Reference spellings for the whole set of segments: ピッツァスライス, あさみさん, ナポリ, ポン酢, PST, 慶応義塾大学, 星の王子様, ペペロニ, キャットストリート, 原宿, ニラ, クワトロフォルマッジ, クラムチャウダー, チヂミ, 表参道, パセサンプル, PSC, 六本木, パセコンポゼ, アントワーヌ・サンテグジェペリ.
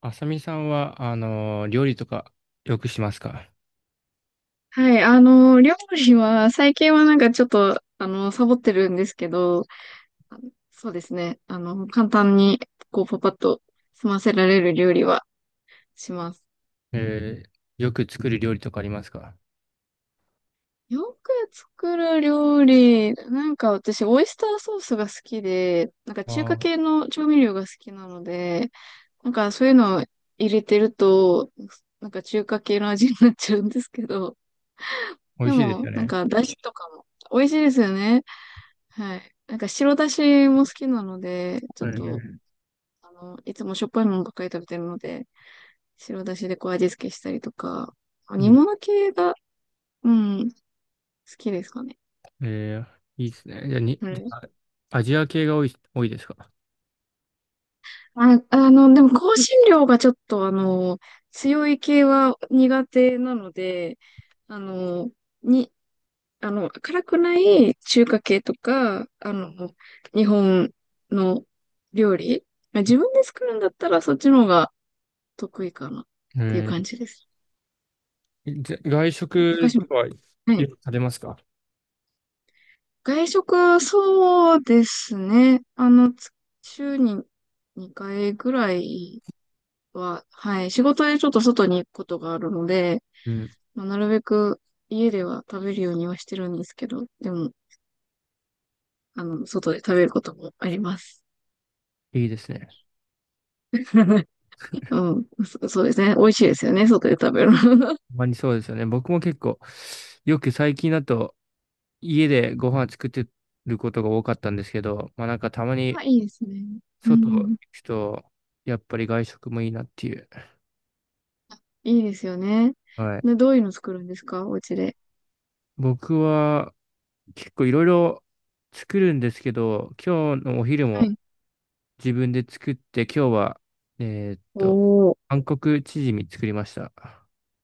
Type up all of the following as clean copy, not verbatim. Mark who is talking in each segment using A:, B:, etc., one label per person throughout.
A: あさみさんは、料理とかよくしますか？
B: はい、料理は、最近はなんかちょっと、サボってるんですけど、あそうですね。簡単に、こう、パパッと済ませられる料理はします。
A: えーよく作る料理とかありますか？
B: よく作る料理、なんか私、オイスターソースが好きで、なんか
A: あ
B: 中華
A: あー、
B: 系の調味料が好きなので、なんかそういうのを入れてると、なんか中華系の味になっちゃうんですけど、
A: 美味
B: で
A: しいですよ
B: も、なん
A: ね。
B: か、だしとかも美味しいですよね。はい。なんか白だしも好きなので、ちょっと、
A: え
B: いつもしょっぱいものばっかり食べてるので、白だしでこう味付けしたりとか、
A: ーい
B: 煮
A: いよ
B: 物系が、うん、好きですかね。
A: えーいいですね。じゃあ、
B: う
A: じ
B: ん。
A: ゃあアジア系が多いですか？
B: あ、でも香辛料がちょっと強い系は苦手なので、あの、に、あの、辛くない中華系とか、日本の料理、まあ自分で作るんだったらそっちの方が得意かなっていう
A: え
B: 感じです。
A: じゃ外
B: え、高
A: 食と
B: 島、
A: かはよ
B: はい。
A: く食べますか？
B: 外食、そうですね。週に2回ぐらいは、はい。仕事でちょっと外に行くことがあるので、
A: うん、
B: まあ、なるべく家では食べるようにはしてるんですけど、でも、外で食べることもあります。
A: いいですね。
B: うん、そうですね。美味しいですよね。外で食べるの。
A: ほんまにそうですよね。僕も結構、よく最近だと家でご飯作ってることが多かったんですけど、まあなんかたま に
B: あ、いいですね。う
A: 外
B: ん、う
A: 行
B: ん、
A: くと、やっぱり外食もいいなっていう。
B: いいですよね。
A: はい。
B: で、どういうの作るんですか、お家で。
A: 僕は結構いろいろ作るんですけど、今日のお昼
B: は
A: も
B: い。
A: 自分で作って、今日は、えーっと、
B: おー。
A: 韓国チヂミ作りました。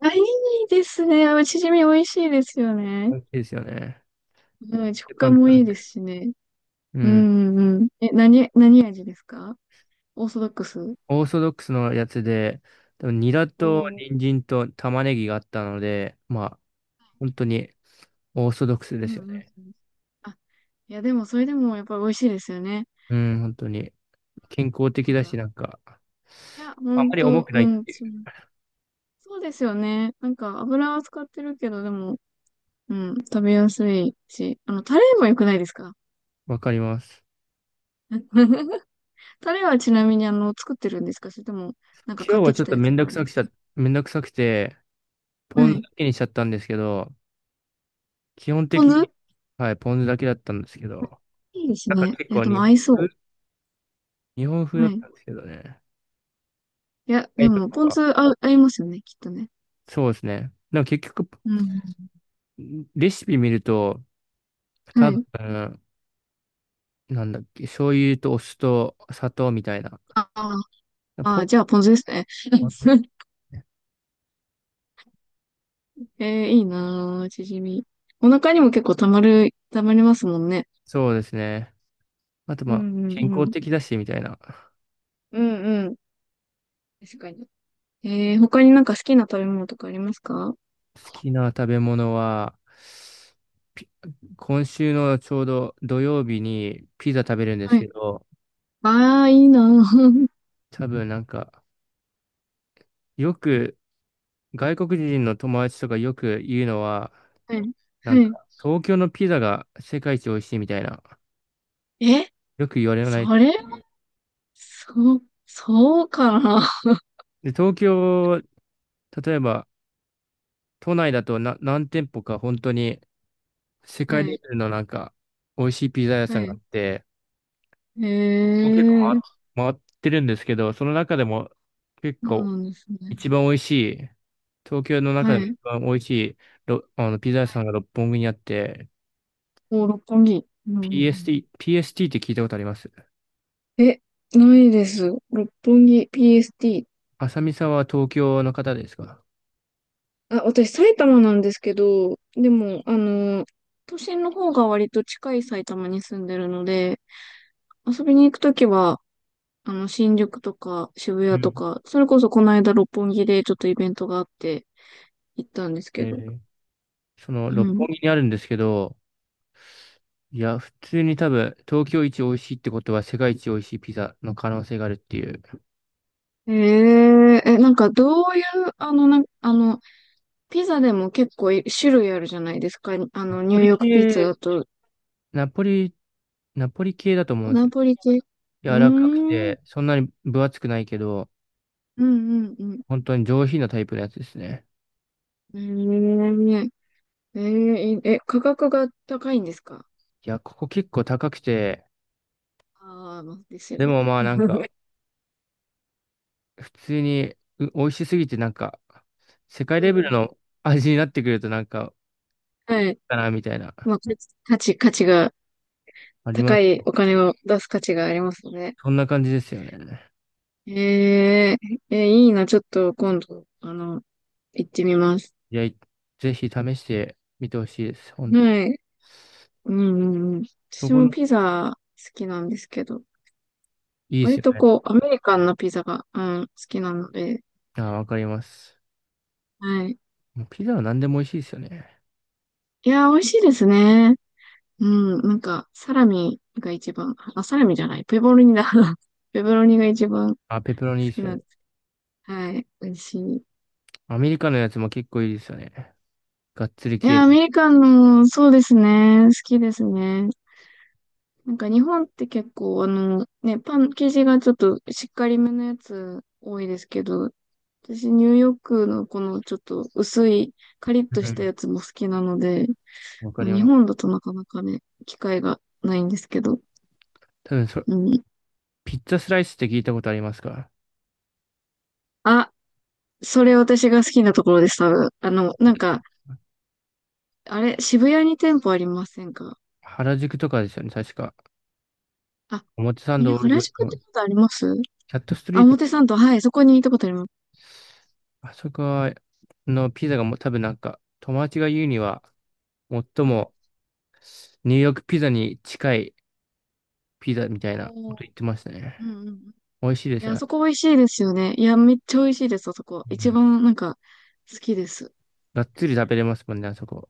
B: あ、いいですね。あ、チヂミ美味しいですよね。
A: いいですよね。
B: うん、食
A: 簡
B: 感もいい
A: 単で。
B: ですしね。
A: う
B: う
A: ん。
B: んうん、何味ですか？オーソドックス。
A: オーソドックスのやつで、多分ニラ
B: お
A: と
B: ー、
A: 人参と玉ねぎがあったので、まあ、本当にオーソドックスで
B: うん
A: す
B: う
A: よ
B: ん
A: ね。
B: うん。あ、いやでもそれでもやっぱり美味しいですよね。
A: うん、本当に。健康的
B: なん
A: だし、
B: か、
A: なんか、
B: いや、ほ
A: あんま
B: ん
A: り重
B: と、
A: くな
B: う
A: いっ
B: ん、
A: ていう。
B: そうそう、ですよね。なんか油は使ってるけど、でも、うん、食べやすいし、タレも良くないですか？
A: わかります。
B: タレはちなみに作ってるんですか？それとも、なんか
A: 今
B: 買っ
A: 日は
B: てき
A: ちょっ
B: た
A: と
B: や
A: め
B: つ
A: ん
B: があ
A: どく
B: るん
A: さ
B: で
A: く
B: す
A: しち
B: か？
A: ゃ、めんどくさくて、ポ
B: は
A: ン酢
B: い。
A: だけにしちゃったんですけど、基本
B: ポン
A: 的に、
B: 酢、
A: はい、ポン酢だけだったんですけど、
B: いいです
A: なんか
B: ね。
A: 結
B: いや、
A: 構
B: でも合いそ
A: 日本風
B: う。
A: だっ
B: はい。
A: たんですけどね。
B: いや、
A: は
B: で
A: い、と
B: も、
A: か
B: ポン
A: は。
B: 酢合いますよね、きっとね。
A: そうですね。でも結局、
B: うん。
A: レシピ見ると、多
B: はい。
A: 分、なんだっけ、醤油とお酢と砂糖みたいな。
B: ああ、
A: ポン、
B: じゃあ、ポン酢ですね。いいなぁ、チヂミ。お腹にも結構たまりますもんね。
A: そうですね。あと
B: う
A: まあ、
B: んう
A: 健
B: んう
A: 康
B: ん。
A: 的だし、みたいな。
B: うんうん。確かに。他になんか好きな食べ物とかありますか？
A: 好きな食べ物は、ピ今週のちょうど土曜日にピザ食べるんで
B: は
A: すけ
B: い。
A: ど、
B: ああ、いいなぁ。
A: 多分なんか、よく外国人の友達とかよく言うのは、
B: はい。
A: なん
B: は
A: か、東京のピザが世界一美味しいみたいな、
B: い。
A: よく言われ
B: え、
A: ない。
B: それそうかな。
A: で、東京、例えば都内だと何店舗か本当に世 界
B: は
A: レ
B: い。
A: ベルのなんか、美味しいピザ屋
B: は
A: さんがあ
B: い。
A: って、僕も結構
B: えー。
A: 回ってるんですけど、その中でも結
B: そう
A: 構
B: なんですね。
A: 一番美味しい、東京の中
B: は
A: でも一
B: い。
A: 番美味しいろあのピザ屋さんが六本木にあって、
B: お、六本木。うんうん
A: PST って聞いたことあります？
B: うん。え、ないです。六本木 PST。
A: 浅見さんは東京の方ですか？
B: あ、私埼玉なんですけど、でも、都心の方が割と近い埼玉に住んでるので、遊びに行くときは、新宿とか渋
A: う
B: 谷と
A: ん。
B: か、それこそこの間六本木でちょっとイベントがあって行ったんです
A: え
B: けど。
A: ーその
B: う
A: 六本
B: ん。
A: 木にあるんですけど、いや、普通に多分東京一美味しいってことは世界一美味しいピザの可能性があるっていう。
B: えええ、なんかどういう、あの、な、あの、ピザでも結構種類あるじゃないですか。
A: ナ
B: ニ
A: ポ
B: ュー
A: リ
B: ヨークピッツァだ
A: 系、
B: と、
A: ナポリ、ナポリ系だと思
B: ア
A: うんです
B: ナ
A: よ。
B: ポリ系。うー
A: 柔らかく
B: ん。うん
A: て、そんなに分厚くないけど、
B: うんうん。
A: 本当に上品なタイプのやつですね。
B: えー、え価格が高いんですか？
A: いや、ここ結構高くて、
B: まあですよ
A: で
B: ね。
A: もまあなんか、普通に美味しすぎてなんか、世界
B: う
A: レ
B: んう
A: ベル
B: ん。
A: の味になってくるとなんか、
B: はい。
A: かなみたいな、
B: まあ、価値が、
A: ありま
B: 高
A: す。
B: いお金を出す価値がありますね。
A: そんな感じですよね。
B: えいいな。ちょっと今度、行ってみます。
A: いや、いぜひ試してみてほしいです。ほん、
B: はい。うんうんうん。
A: そ
B: 私
A: こ
B: も
A: の、
B: ピザ好きなんですけど、
A: いいです
B: 割
A: よ
B: と
A: ね。
B: こう、アメリカンなピザが、うん、好きなので、
A: ああ、わかります。
B: はい。
A: もうピザは何でも美味しいですよね。
B: いやー、美味しいですね。うん、なんか、サラミが一番、あ、サラミじゃない、ペボロニだ。ペボロニが一番好
A: あ、ペペロニいいで
B: き
A: すよ
B: な
A: ね。
B: んです。はい、美味しい。
A: アメリカのやつも結構いいですよね。がっつり
B: いやー、
A: 系。
B: アメリカンの、そうですね、好きですね。なんか日本って結構、ね、パン生地がちょっとしっかりめのやつ多いですけど、私ニューヨークのこのちょっと薄いカリッと
A: う
B: した
A: ん。
B: やつも好きなので、
A: わか
B: まあ
A: り
B: 日
A: ま
B: 本
A: す。
B: だとなかなかね、機会がないんですけど、
A: 多分そ、
B: うん。
A: ピッツァスライスって聞いたことありますか？
B: あ、それ私が好きなところです、多分。あれ、渋谷に店舗ありませんか？
A: 原宿とかですよね、確か。
B: あ、あ
A: 表参
B: れ、
A: 道、
B: 原宿ってことあります？
A: キャットスト
B: あ、
A: リート、
B: 表参道、はい、そこに行ったことあります。
A: あそこはピザがもう多分なんか、友達が言うには、最
B: はい。
A: もニューヨークピザに近いピザみたいなこ
B: おー、
A: と言ってましたね。
B: うんうんうん。い
A: 美味しいです
B: や、あ
A: よ。
B: そこ美味しいですよね。いや、めっちゃ美味しいです、あそこ。
A: う
B: 一
A: ん、
B: 番、なんか、好きです。
A: がっつり食べれますもんね、あそこ。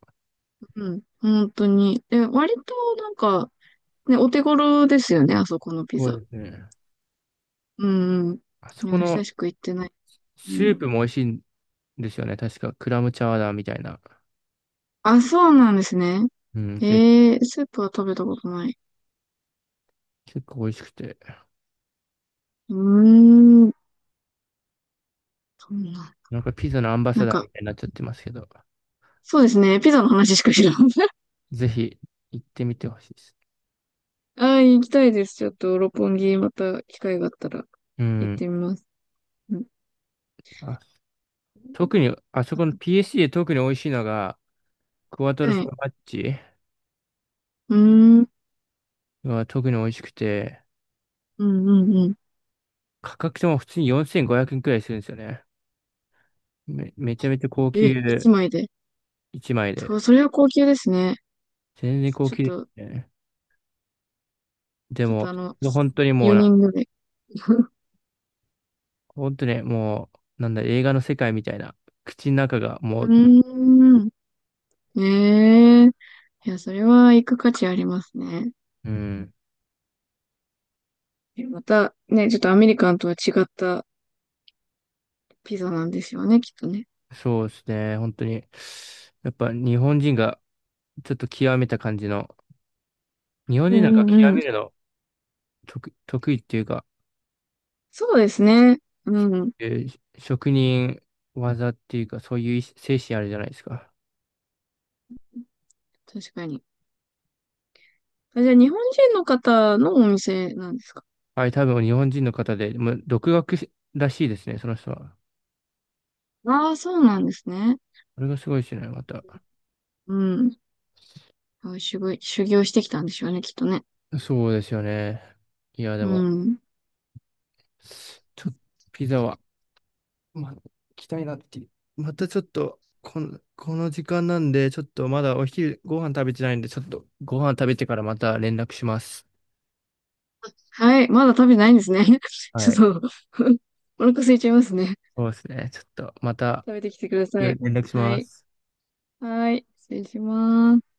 B: うん、本当に。で、割と、なんか、ね、お手頃ですよね、あそこのピ
A: そう
B: ザ。
A: ですね。
B: うんうん。
A: あそ
B: い
A: こ
B: や、久
A: の
B: しく行ってない。う
A: ス
B: ん。
A: ープも美味しいんですよね。確かクラムチャウダーみたいな。
B: あ、そうなんですね。
A: うん、ぜ
B: スープは食べたことない。
A: 結構美味しくて。
B: うーん、そんな。
A: なんかピザのアンバサ
B: なん
A: ダーみ
B: か、
A: たいになっちゃってますけど、
B: そうですね。ピザの話しか知らん。
A: ぜひ行ってみてほしいです。
B: ああ、行きたいです。ちょっと、六本木、また機会があったら
A: う
B: 行っ
A: ん。
B: てみます。うん、
A: あ特に、あそこの PSC で特に美味しいのが、クワトロフ
B: は
A: ォ
B: い。
A: ルマッジ
B: うーん、うん、
A: は特に美味しくて、
B: うん、うん。
A: 価格とも普通に4500円くえんくらいするんですよね。めめちゃめちゃ高級
B: え、一枚で？
A: 1枚
B: そ
A: で。
B: う、それは高級ですね。
A: 全然高
B: ちょっ
A: 級です
B: と、
A: ね。で
B: ちょっと
A: も、本当にもう
B: 4
A: な、
B: 人ぐらい。
A: 本当にねもう、なんだ、映画の世界みたいな。口の中がも
B: う
A: う、
B: ーん。ええ、いや、それは行く価値ありますね。
A: うん、
B: また、ね、ちょっとアメリカンとは違ったピザなんですよね、きっとね。
A: そうですね。本当に。やっぱ日本人がちょっと極めた感じの、日本
B: う
A: 人なん
B: ん
A: か
B: う
A: 極
B: んうん。
A: めるの得意っていうか、
B: そうですね。うん。
A: 職人技っていうか、そういう精神あるじゃないですか。
B: 確かに。あ、じゃあ、日本人の方のお店なんですか？
A: はい、多分日本人の方で、もう独学らしいですね、その人は。
B: そうなんですね。
A: これがすごいですね、また。
B: うん。あ、修行してきたんでしょうね、きっとね。
A: そうですよね。いや、で
B: う
A: も、
B: ん。
A: ちょっとピザは、まあ、行きたいなっていう。またちょっと、この、この時間なんで、ちょっとまだお昼ご飯食べてないんで、ちょっとご飯食べてからまた連絡します。
B: はい。まだ食べてないんですね。ち
A: は
B: ょ
A: い。
B: っと。 お腹空いちゃいますね。
A: そうですね。ちょっとまた
B: 食べてきてくださ
A: 連
B: い。
A: 絡し
B: は
A: ま
B: い。
A: す。
B: はい。失礼します。